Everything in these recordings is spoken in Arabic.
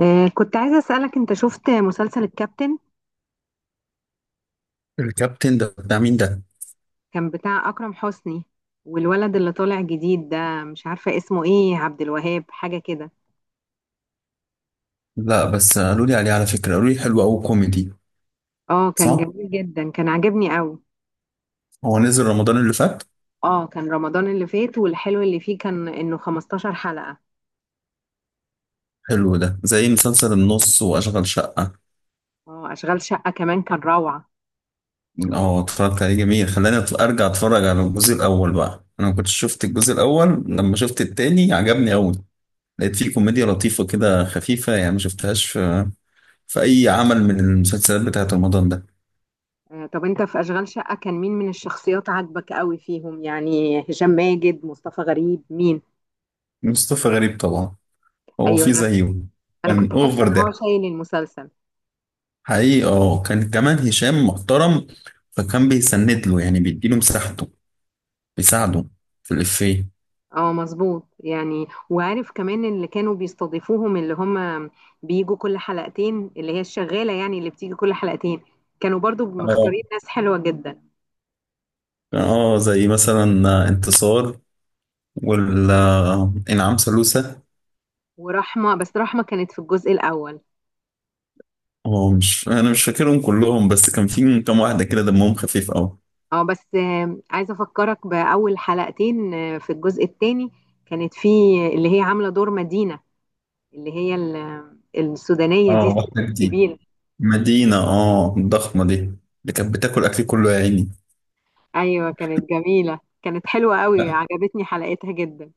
كنت عايزة أسألك، أنت شفت مسلسل الكابتن؟ الكابتن ده بتاع مين ده؟ كان بتاع أكرم حسني. والولد اللي طالع جديد ده مش عارفة اسمه إيه، عبد الوهاب حاجة كده. لا، بس قالوا لي عليه، على فكرة قالوا لي حلو أوي كوميدي. اه، كان صح؟ جميل جدا، كان عاجبني قوي. هو نزل رمضان اللي فات. اه، كان رمضان اللي فات، والحلو اللي فيه كان إنه 15 حلقة. حلو، ده زي مسلسل النص وأشغال شقة. اه، أشغال شقة كمان كان روعة. اه، اتفرجت عليه، جميل. خلاني أرجع أتفرج على الجزء الأول بقى، أنا ما كنتش شفت الجزء الأول، لما شفت التاني عجبني أوي. لقيت فيه كوميديا لطيفة كده، خفيفة، يعني ما شفتهاش في أي عمل من المسلسلات بتاعة رمضان ده. طب أنت في أشغال شقة، كان مين من الشخصيات عاجبك قوي فيهم؟ يعني هشام ماجد، مصطفى غريب، مين؟ مصطفى غريب طبعا. هو أيوة. فيه أنا زيه، أنا كان كنت حاسة أوفر إن هو ده شايل المسلسل. حقيقي. اه، كان كمان هشام محترم، فكان بيسند له، يعني بيديله مساحته، بيساعده في الإفيه. اه، مظبوط، يعني وعارف كمان اللي كانوا بيستضيفوهم، اللي هم بيجوا كل حلقتين، اللي هي الشغالة، يعني اللي بتيجي كل حلقتين، كانوا برضو اه. مختارين ناس حلوة جدا. اه، زي مثلا انتصار وال آه، انعام سالوسة. ورحمة، بس رحمة كانت في الجزء الأول. اه، مش انا مش فاكرهم كلهم، بس كان في كام واحدة كده دمهم خفيف قوي. اه بس عايزة أفكرك بأول حلقتين في الجزء الثاني، كانت في اللي هي عاملة دور مدينة، اللي هي السودانية دي، اه، الست واحدة جديدة. الكبيرة. مدينة، الضخمة دي اللي كانت بتاكل أكلي كله يا عيني. أيوة، كانت جميلة، كانت حلوة قوي، عجبتني حلقتها جدا.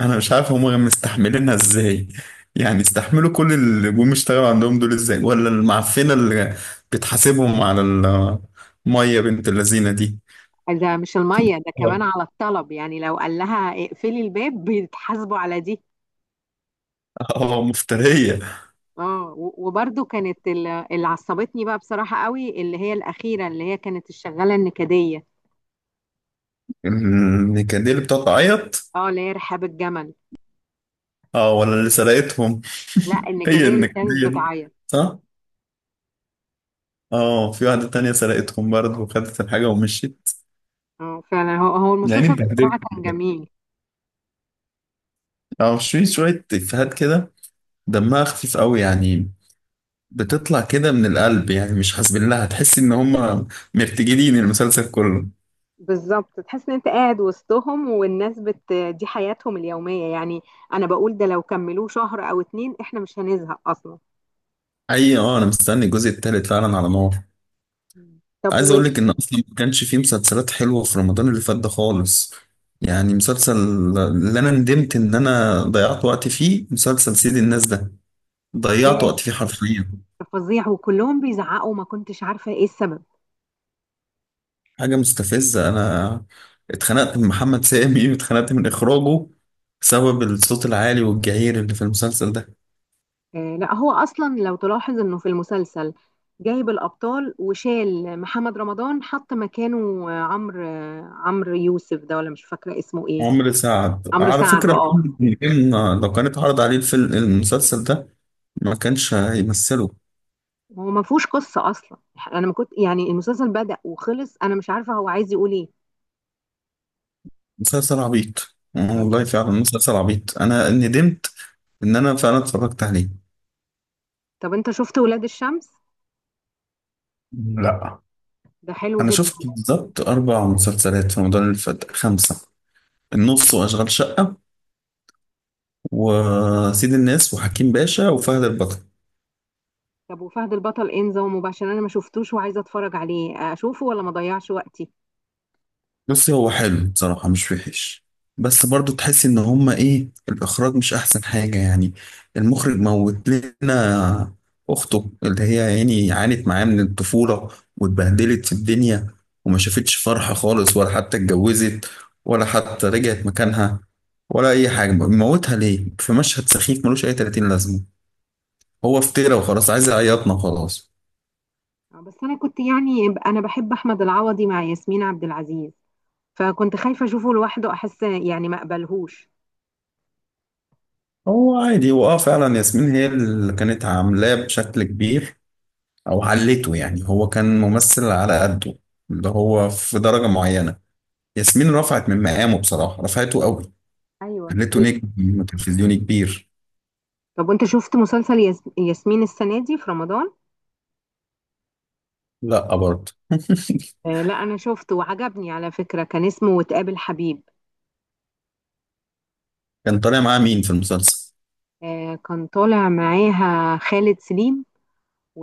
انا مش عارف هم مستحملينها ازاي، يعني استحملوا كل اللي جم اشتغلوا عندهم دول ازاي، ولا المعفنه اللي بتحاسبهم على الميه بنت اللذينه دي. ده مش المية، ده اه. كمان على الطلب، يعني لو قال لها اقفلي الباب بيتحاسبوا على دي. آه، مفتريه. اه، و- وبرضو كانت اللي عصبتني بقى بصراحة قوي، اللي هي الأخيرة، اللي هي كانت الشغالة النكدية. النكديه اللي بتقعد تعيط. اه، اللي هي رحاب الجمل. اه، ولا اللي سرقتهم. لا، هي النكدية اللي كانت النكديه دي، بتعيط. صح. اه، في واحده تانية سرقتهم برضه وخدت الحاجه ومشيت. اه، فعلا، هو يعني المسلسل بتبدلوا، بصراحة كان جميل. اه، في شويه افيهات كده دمها خفيف قوي، يعني بتطلع كده من القلب، يعني مش حاسبين لها. هتحس ان هم مرتجلين المسلسل كله. بالظبط، تحس ان انت قاعد وسطهم، والناس بت دي حياتهم اليومية يعني. انا بقول، ده لو كملوه شهر او 2 احنا مش هنزهق اصلا. اي، اه، انا مستني الجزء التالت فعلا على نار. طب. عايز اقول لك ان اصلا ما كانش فيه مسلسلات حلوه في رمضان اللي فات ده خالص. يعني مسلسل، اللي انا ندمت ان انا ضيعت وقت فيه، مسلسل سيد الناس ده ضيعت وقت فيه حرفيا. فظيع، وكلهم بيزعقوا، ما كنتش عارفة ايه السبب. حاجه مستفزه. انا اتخنقت من محمد سامي واتخنقت من اخراجه بسبب الصوت العالي والجعير اللي في المسلسل ده. لا، هو اصلا لو تلاحظ انه في المسلسل، جايب الابطال وشال محمد رمضان، حط مكانه عمرو يوسف ده، ولا مش فاكرة اسمه ايه. عمرو سعد، عمرو على سعد. فكرة، اه، محمد نجم لو كان اتعرض عليه الفيلم، المسلسل ده ما كانش هيمثله. هو ما فيهوش قصة اصلا. انا ما كنت، يعني المسلسل بدأ وخلص، انا مش عارفة هو عايز يقول ايه. مسلسل عبيط، آه مم. والله فعلا مسلسل عبيط. أنا ندمت إن أنا فعلا اتفرجت عليه. طب، انت شفت ولاد الشمس؟ لا. ده حلو أنا جدا. شفت بالظبط 4 مسلسلات في رمضان اللي فات، 5: النص وأشغال شقة وسيد الناس وحكيم باشا وفهد البطل. طب وفهد البطل، انزه ومباشر، انا ما شفتوش وعايزة اتفرج عليه، اشوفه ولا ما اضيعش وقتي؟ بس هو حلو بصراحة، مش وحش. بس برضو تحس ان هما ايه، الاخراج مش احسن حاجة يعني. المخرج موت لنا اخته، اللي هي يعني عانت معاه من الطفولة، واتبهدلت في الدنيا، وما شافتش فرحة خالص، ولا حتى اتجوزت، ولا حتى رجعت مكانها، ولا اي حاجة. موتها ليه في مشهد سخيف ملوش اي 30 لازمة. هو افترى وخلاص، عايز يعيطنا وخلاص. بس انا كنت يعني انا بحب احمد العوضي مع ياسمين عبد العزيز، فكنت خايفه اشوفه لوحده، احس يعني ما اقبلهوش. هو عادي. هو فعلا ياسمين هي اللي كانت عاملاه بشكل كبير، او علته، يعني هو كان ممثل على قده، اللي هو في درجة معينة. ياسمين رفعت من مقامه، بصراحة رفعته قوي، ايوه، خليته كتير. نجم تلفزيوني كبير. طب وانت شفت مسلسل ياسمين السنه دي في رمضان؟ لا برضه لا، انا شفته وعجبني على فكره، كان اسمه وتقابل حبيب. كان طالع معاه مين في المسلسل؟ كان طالع معاها خالد سليم. و...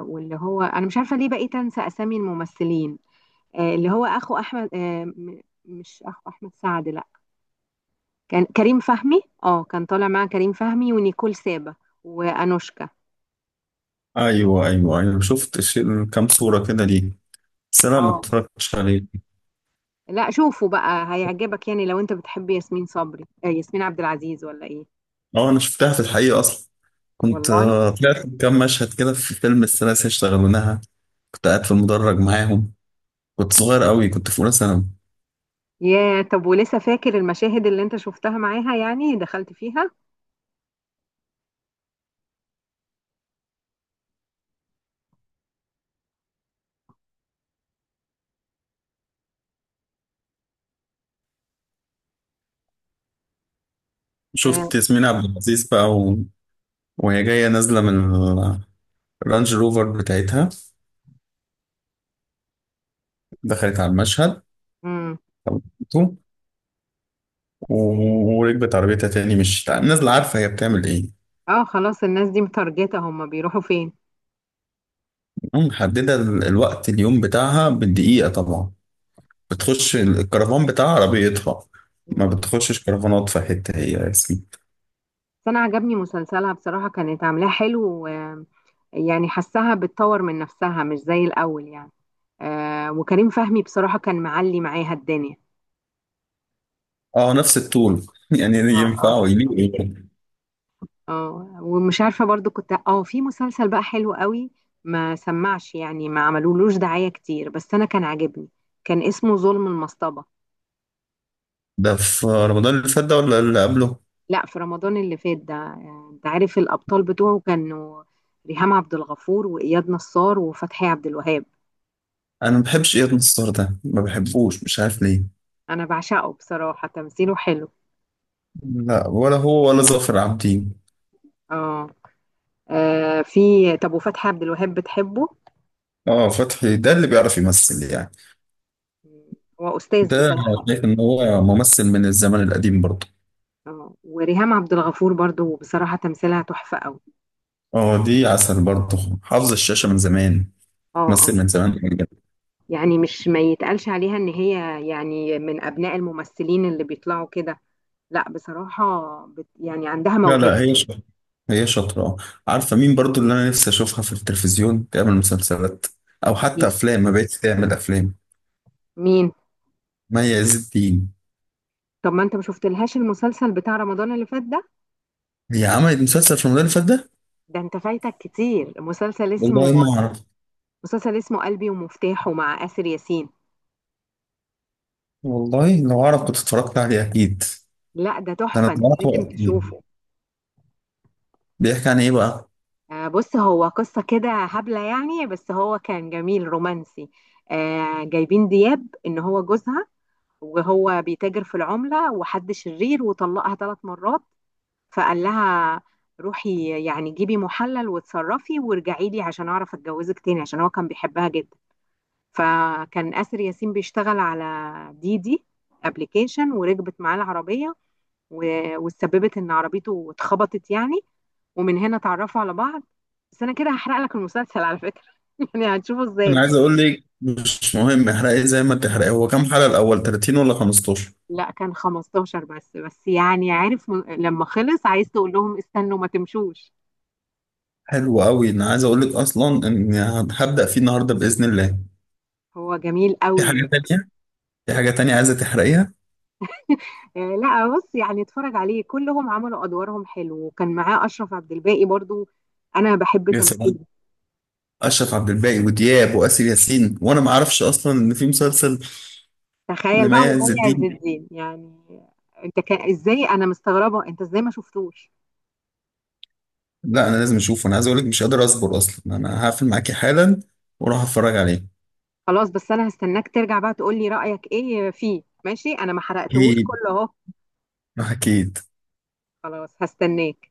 واللي هو، انا مش عارفه ليه بقيت انسى اسامي الممثلين. اللي هو اخو احمد مش اخو احمد سعد، لا. كان كريم فهمي، كان طالع مع كريم فهمي ونيكول سابا، وانوشكا. ايوه ايوه ايوه، شفت كام صورة كده ليه، بس انا ما اه، اتفرجتش عليه. لا، شوفوا بقى هيعجبك، يعني لو انت بتحب ياسمين صبري ياسمين عبد العزيز ولا ايه؟ اه، انا شفتها في الحقيقة اصلا. كنت والله. طلعت كام مشهد كده في فيلم الثلاثة اشتغلونها. كنت قاعد في المدرج معاهم. كنت صغير قوي، كنت في اولى ثانوي. يا طب، ولسه فاكر المشاهد اللي انت شفتها معاها، يعني دخلت فيها؟ اه. شفت ياسمين عبد العزيز بقى وهي جاية نازلة من الرانج روفر بتاعتها. دخلت على المشهد، مم. خبطته، و- وركبت عربيتها تاني، مش نازلة. عارفة هي بتعمل ايه؟ خلاص، الناس دي متارجتة، هم بيروحوا فين؟ محددة الوقت، اليوم بتاعها بالدقيقة طبعا. بتخش الكرفان بتاع عربيتها. ما مم. بتخشش كرفانات في حتة هي رسمي. بس انا عجبني مسلسلها بصراحة، كانت عاملاه حلو. يعني حسها بتطور من نفسها مش زي الاول يعني. وكريم فهمي بصراحة كان معلي معاها الدنيا. اه، نفس الطول. يعني اه، اه. ينفع ويليق. اه، ومش عارفه، برضو كنت في مسلسل بقى حلو قوي، ما سمعش يعني، ما عملولوش دعايه كتير، بس انا كان عاجبني. كان اسمه ظلم المصطبه. ده في رمضان اللي فات ده ولا اللي قبله؟ لا، في رمضان اللي فات ده. انت عارف الابطال بتوعه كانوا ريهام عبد الغفور، واياد نصار، وفتحي عبد الوهاب. انا ما بحبش اياد نصار ده، ما بحبوش مش عارف ليه. انا بعشقه بصراحه، تمثيله حلو. لا، ولا هو ولا ظافر عابدين. اه. في. طب وفتحي عبد الوهاب بتحبه؟ اه، فتحي ده اللي بيعرف يمثل يعني. مم. هو استاذ ده أنا بصراحه. شايف ان هو ممثل من الزمن القديم برضه. اه، وريهام عبد الغفور برضو، بصراحه تمثيلها تحفه قوي. اه، دي عسل برضه، حافظ الشاشة من زمان، اه، اه. تمثل من زمان بجد. يعني مش ما يتقالش عليها ان هي يعني من ابناء الممثلين اللي بيطلعوا كده. لا بصراحة، بت يعني عندها لا موهبة. لا، هي شاطرة. هي شاطرة، آه. عارفة مين برضه اللي انا نفسي اشوفها في التلفزيون تعمل مسلسلات او حتى افلام؟ ما بقتش تعمل افلام. مين؟ مي عز الدين. طب ما انت ما شفتلهاش المسلسل بتاع رمضان اللي فات ده؟ هي عملت مسلسل في رمضان اللي فات ده؟ ده انت فايتك كتير، والله ما اعرف. مسلسل اسمه قلبي ومفتاحه مع آسر ياسين. والله لو اعرف كنت اتفرجت عليه اكيد. لا، ده ده انا تحفة، انت اتفرجت لازم وقت. تشوفه. بيحكي عن ايه بقى؟ بص، هو قصة كده هبلة يعني، بس هو كان جميل رومانسي. جايبين دياب ان هو جوزها، وهو بيتاجر في العملة، وحد شرير، وطلقها 3 مرات. فقال لها روحي يعني جيبي محلل واتصرفي وارجعي لي، عشان اعرف اتجوزك تاني، عشان هو كان بيحبها جدا. فكان آسر ياسين بيشتغل على دي ابلكيشن، وركبت معاه العربية، و- واتسببت ان عربيته اتخبطت يعني. ومن هنا اتعرفوا على بعض. بس انا كده هحرق لك المسلسل على فكرة. يعني هتشوفه انا ازاي؟ عايز اقول لك مش مهم، احرقي زي ما تحرقي. هو كام حلقة الاول، 30 ولا 15؟ لا، كان 15 بس، يعني عارف، لما خلص عايز تقول لهم استنوا ما تمشوش. حلو قوي. انا عايز اقول لك اصلا ان هبدأ فيه النهارده بإذن الله. هو جميل في قوي. حاجة تانية، في حاجة تانية عايزة تحرقيها؟ لا، بص يعني اتفرج عليه، كلهم عملوا ادوارهم حلو، وكان معاه اشرف عبد الباقي برضو. انا بحب يا تمثيله. سلام، اشرف عبد الباقي ودياب واسر ياسين، وانا ما اعرفش اصلا ان في مسلسل تخيل بقى، لمي عز ومي عز الدين. الدين يعني، انت كان ازاي؟ انا مستغربه انت ازاي ما شفتوش. لا، انا لازم اشوفه. انا عايز اقول لك مش قادر اصبر اصلا، انا هقفل معاكي حالا واروح اتفرج عليه. خلاص، بس انا هستناك ترجع بقى تقول لي رايك ايه فيه، ماشي؟ انا ما حرقتهوش اكيد، كله اهو. اكيد. خلاص، هستناك.